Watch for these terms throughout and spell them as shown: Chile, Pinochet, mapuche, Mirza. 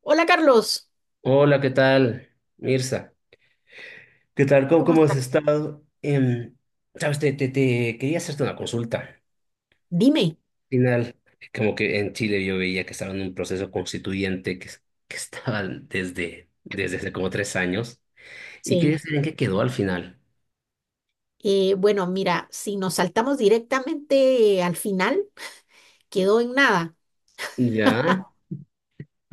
Hola, Carlos, Hola, ¿qué tal, Mirza? ¿Qué tal? ¿Cómo, ¿cómo cómo has estás? estado? Sabes, te quería hacerte una consulta. Al Dime. final, como que en Chile yo veía que estaban en un proceso constituyente que que estaban desde hace como 3 años. Y Sí. quería saber en qué quedó al final. Bueno, mira, si nos saltamos directamente al final, quedó en nada. ¿Ya?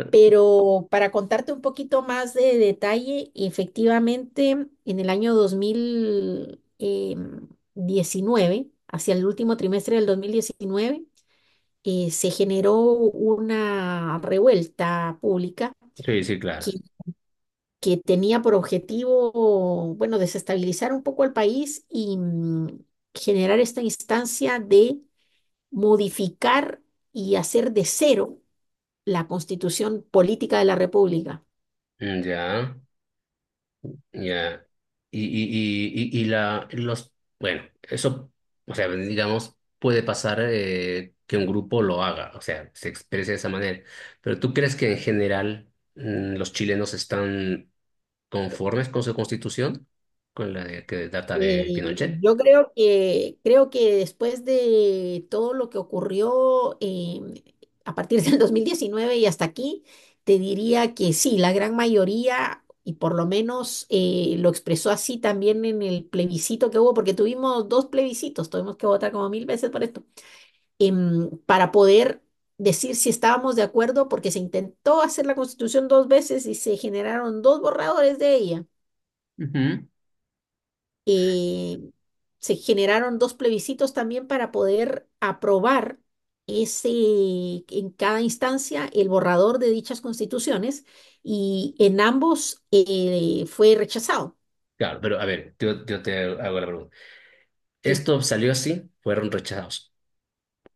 Pero para contarte un poquito más de detalle, efectivamente, en el año dos mil diecinueve, hacia el último trimestre del 2019, se generó una revuelta pública Sí, sí, claro. que que tenía por objetivo, bueno, desestabilizar un poco al país y, generar esta instancia de modificar y hacer de cero la constitución política de la República. Ya. Ya. Y bueno, eso, o sea, digamos, puede pasar que un grupo lo haga, o sea, se exprese de esa manera. Pero ¿tú crees que en general los chilenos están conformes con su constitución, que data de Eh, Pinochet? yo creo que después de todo lo que ocurrió, a partir del 2019 y hasta aquí, te diría que sí, la gran mayoría, y por lo menos lo expresó así también en el plebiscito que hubo, porque tuvimos dos plebiscitos, tuvimos que votar como mil veces por esto, para poder decir si estábamos de acuerdo, porque se intentó hacer la constitución dos veces y se generaron dos borradores de ella. Ujú. eh, Se generaron dos plebiscitos también para poder aprobar ese, en cada instancia, el borrador de dichas constituciones, y en ambos fue rechazado. Claro, pero a ver, yo te hago la pregunta. Sí. Esto salió así, fueron rechazados.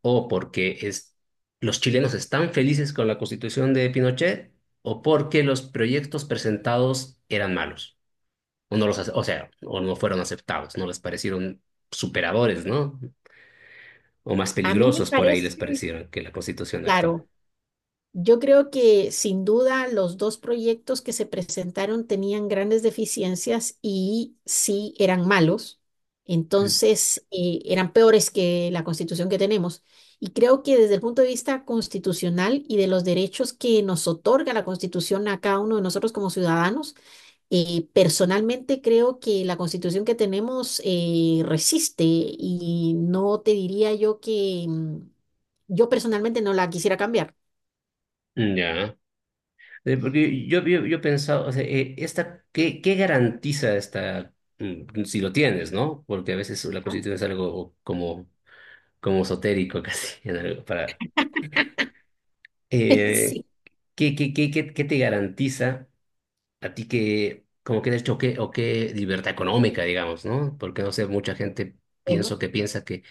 O porque es, los chilenos están felices con la constitución de Pinochet, o porque los proyectos presentados eran malos, o sea, o no fueron aceptados, no les parecieron superadores, ¿no? O más A mí me peligrosos por ahí les parece, parecieron que la constitución actual. claro, yo creo que sin duda los dos proyectos que se presentaron tenían grandes deficiencias y sí eran malos, Mm. entonces eran peores que la constitución que tenemos. Y creo que desde el punto de vista constitucional y de los derechos que nos otorga la constitución a cada uno de nosotros como ciudadanos, personalmente creo que la constitución que tenemos resiste, y no te diría yo que, yo personalmente no la quisiera cambiar. Ya. Porque yo pensaba, o sea, ¿qué, qué garantiza esta, mm, si lo tienes, ¿no? Porque a veces la ¿No? constitución es algo como, como esotérico casi, en algo, para, Eh, Sí, ¿qué te garantiza a ti que, como que de hecho, qué, o qué libertad económica, digamos, ¿no? Porque no sé, mucha gente bueno, pienso que piensa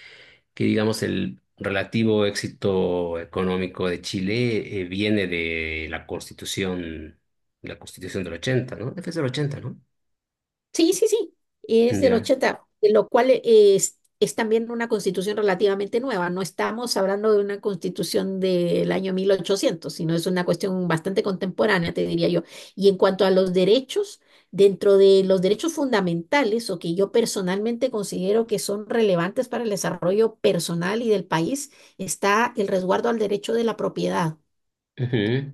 que digamos, el relativo éxito económico de Chile viene de la Constitución del 80, ¿no? Es del 80, ¿no? sí, sí, sí, es del Ya. 80, de lo cual es también una constitución relativamente nueva. No estamos hablando de una constitución del año 1800, sino es una cuestión bastante contemporánea, te diría yo. Y en cuanto a los derechos, dentro de los derechos fundamentales, o que yo personalmente considero que son relevantes para el desarrollo personal y del país, está el resguardo al derecho de la propiedad, Ujú.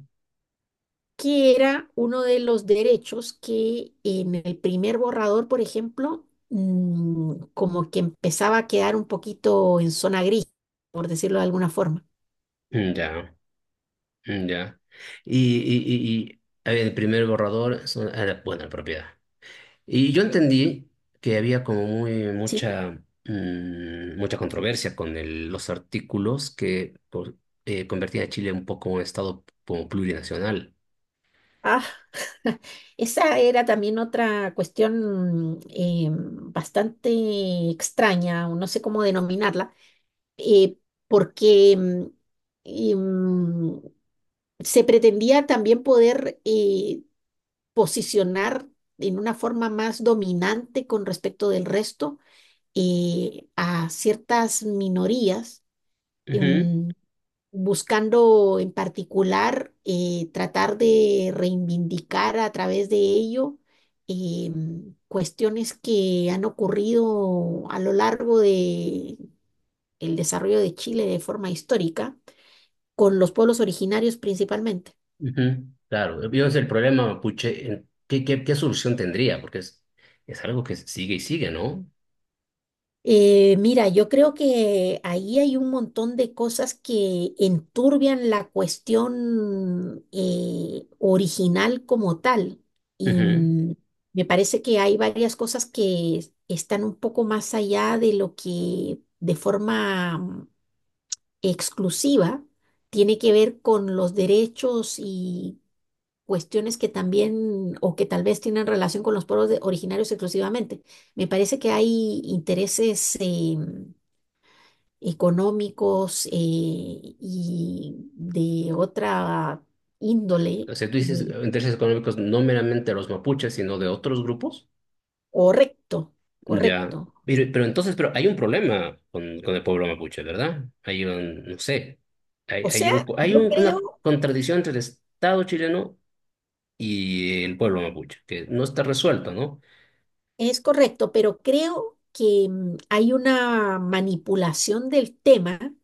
que era uno de los derechos que, en el primer borrador, por ejemplo, como que empezaba a quedar un poquito en zona gris, por decirlo de alguna forma. Ya. Ya. Y, y, y a ver, el primer borrador, era, bueno, la propiedad. Y yo entendí que había como muy Sí. mucha mm, mucha controversia con los artículos que convertían a Chile un poco en un estado como plurinacional. Ah, esa era también otra cuestión bastante extraña, o no sé cómo denominarla, eh, porque, em, se pretendía también poder posicionar en una forma más dominante con respecto del resto a ciertas minorías, Ujú, em, buscando en particular tratar de reivindicar a través de ello, cuestiones que han ocurrido a lo largo de el desarrollo de Chile de forma histórica, con los pueblos originarios principalmente. ujú. Claro, yo es el problema mapuche, en ¿qué solución tendría? Porque es algo que sigue y sigue, ¿no? Mira, yo creo que ahí hay un montón de cosas que enturbian la cuestión original como tal. Y Ujú. mm, Me parece que hay varias cosas que están un poco más allá de lo que de forma exclusiva tiene que ver con los derechos y cuestiones que también, o que tal vez, tienen relación con los pueblos originarios exclusivamente. Me parece que hay intereses, económicos y de otra índole. O sea, tú dices eh, intereses económicos no meramente de los mapuches, sino de otros grupos. Correcto, Ya. correcto. Pero entonces, pero hay un problema con el pueblo mapuche, ¿verdad? Hay un, no sé, hay, O hay sea, un, hay yo un- una creo. contradicción entre el Estado chileno y el pueblo mapuche, que no está resuelta, ¿no? Es correcto, pero creo que, hay una manipulación del tema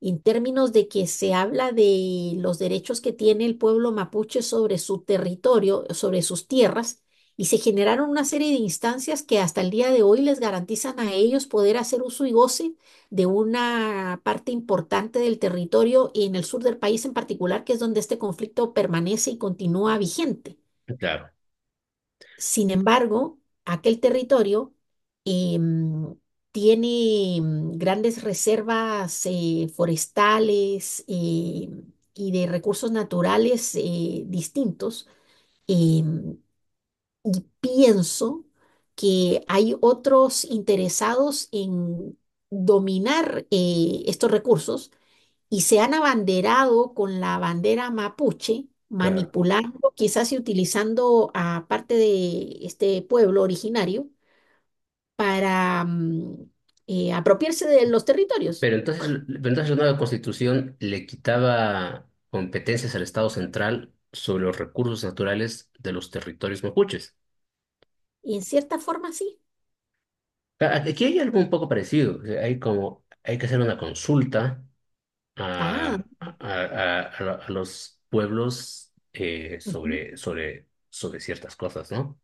en términos de que se habla de los derechos que tiene el pueblo mapuche sobre su territorio, sobre sus tierras, y se generaron una serie de instancias que hasta el día de hoy les garantizan a ellos poder hacer uso y goce de una parte importante del territorio, y en el sur del país en particular, que es donde este conflicto permanece y continúa vigente. Claro, Sin embargo, aquel territorio, em, tiene, grandes reservas forestales, y de recursos naturales distintos. em, y pienso que hay otros interesados en dominar, estos recursos, y se han abanderado con la bandera mapuche, claro. manipulando quizás y utilizando a parte de este pueblo originario para, apropiarse de los territorios. Pero entonces la nueva constitución le quitaba competencias al Estado central sobre los recursos naturales de los territorios mapuches. Y en cierta forma sí. Aquí hay algo un poco parecido, o sea, hay como, hay que hacer una consulta Ah, a a los pueblos ujú, sobre, sobre ciertas cosas, ¿no?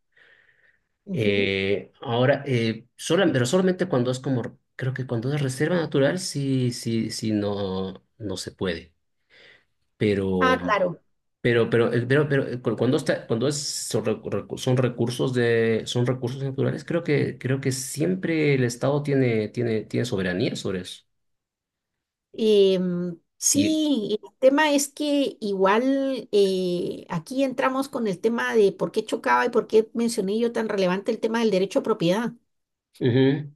ujú. Pero solamente cuando es como, creo que cuando es reserva natural, sí, sí, sí, no, no se puede. Pero, Ah, claro. pero cuando está, cuando es, son, son recursos de, son recursos naturales, creo que siempre el Estado tiene, tiene, tiene soberanía sobre eso. Y, Sí, el tema es que igual, aquí entramos con el tema de por qué chocaba y por qué mencioné yo tan relevante el tema del derecho a propiedad, Ujú.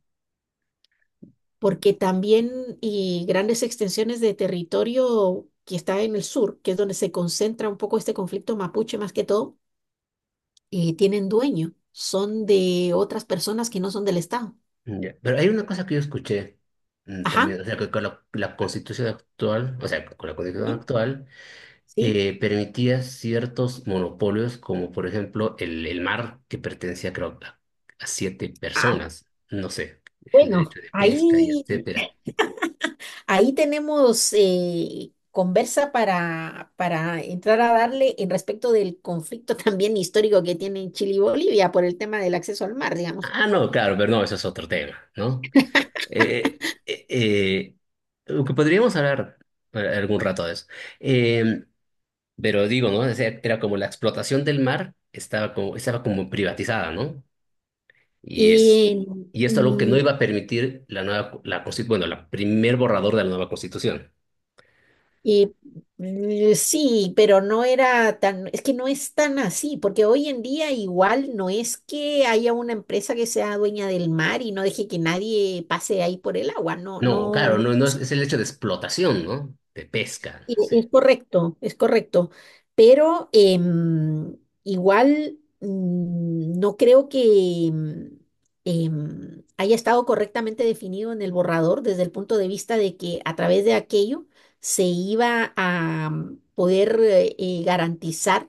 porque también y grandes extensiones de territorio que está en el sur, que es donde se concentra un poco este conflicto mapuche más que todo, tienen dueño, son de otras personas que no son del Estado. Ya. Pero hay una cosa que yo escuché Ajá, también, o sea, que con la constitución actual, o sea, con la constitución sí, actual, sí. Permitía ciertos monopolios, como por ejemplo el mar, que pertenecía creo a siete Ah, personas, no sé, el bueno, derecho de pesca y ahí, etcétera. ahí tenemos conversa para entrar a darle en respecto del conflicto también histórico que tienen Chile y Bolivia por el tema del acceso al mar, digamos. Ah, no, claro, pero no, eso es otro tema, ¿no? Eh, eh, eh, lo que podríamos hablar algún rato de eso. Em, Pero digo, ¿no? O sea, era como la explotación del mar estaba como privatizada, ¿no? Y es, Y y esto es algo que no mm, iba a permitir la nueva, bueno, la primer borrador de la nueva constitución. Y sí, pero no era tan, es que no es tan así, porque hoy en día igual no es que haya una empresa que sea dueña del mar y no deje que nadie pase ahí por el agua, no, No, no. claro, no, no es, es el hecho de explotación, ¿no? De pesca, no Es sé. correcto, es correcto. Pero, igual, no creo que, haya estado correctamente definido en el borrador desde el punto de vista de que a través de aquello se iba a, poder, garantizar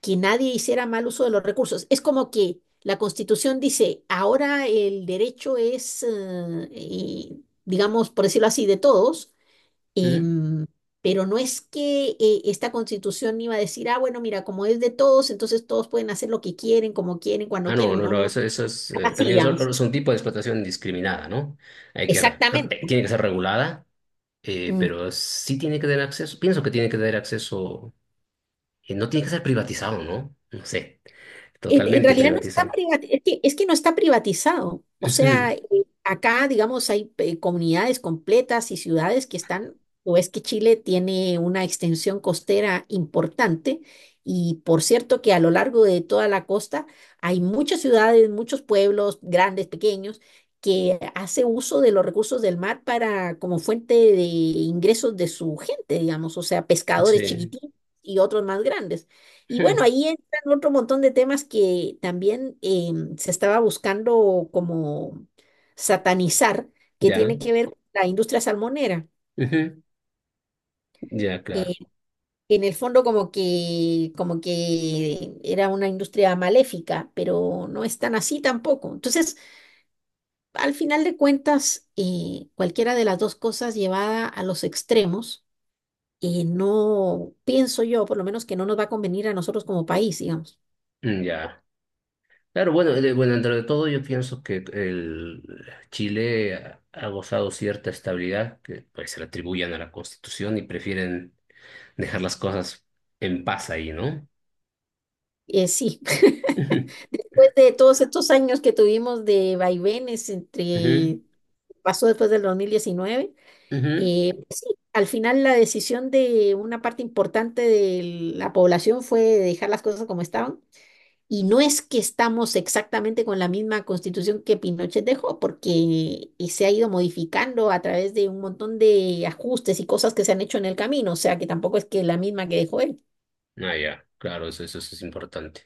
que nadie hiciera mal uso de los recursos. Es como que la Constitución dice: ahora el derecho es, digamos, por decirlo así, de todos. ¿Mm? Em, pero no es que, esta constitución iba a decir: ah, bueno, mira, como es de todos, entonces todos pueden hacer lo que quieren, como quieren, cuando Ah, no, quieren, no, no, no, no, eso es, así, también es, digamos. es un tipo de explotación indiscriminada, ¿no? Hay que, re- Exactamente. tiene que ser regulada, pero sí tiene que tener acceso, pienso que tiene que tener acceso. Y no tiene que ser privatizado, ¿no? No sé, En totalmente realidad no está privatizado. Es que no está privatizado. O Ujú, sea, acá, digamos, hay, comunidades completas y ciudades que están, o es que Chile tiene una extensión costera importante y por cierto que a lo largo de toda la costa hay muchas ciudades, muchos pueblos, grandes, pequeños, que hace uso de los recursos del mar para como fuente de ingresos de su gente, digamos, o sea, pescadores sí, chiquititos y otros más grandes. Y bueno, ujú, ahí otro montón de temas que también, se estaba buscando como satanizar, que ya, tiene que ver con la industria salmonera. ujú, ya, claro, Eh, en el fondo como que era una industria maléfica, pero no es tan así tampoco. Entonces, al final de cuentas, cualquiera de las dos cosas llevada a los extremos, no pienso yo, por lo menos, que no nos va a convenir a nosotros como país, digamos. mm, ya. Claro, bueno, bueno, dentro de todo yo pienso que el Chile ha, ha gozado cierta estabilidad que pues se le atribuyen a la Constitución y prefieren dejar las cosas en paz ahí, ¿no? Sí. Ujú, Después de todos estos años que tuvimos de vaivenes ujú, entre, pasó después del 2019, ujú. Pues sí, al final la decisión de una parte importante de la población fue dejar las cosas como estaban. Y no es que estamos exactamente con la misma constitución que Pinochet dejó, porque, se ha ido modificando a través de un montón de ajustes y cosas que se han hecho en el camino, o sea que tampoco es que la misma que dejó él. Ah, ya, claro, eso es importante.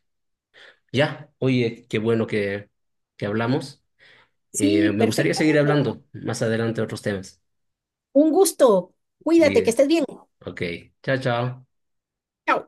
Ya, oye, qué bueno que hablamos. Sí, Me gustaría perfecto, seguir Carlos. hablando más adelante de otros temas. Un gusto. Cuídate, que Bien. estés bien. Ok, chao, chao. Chao.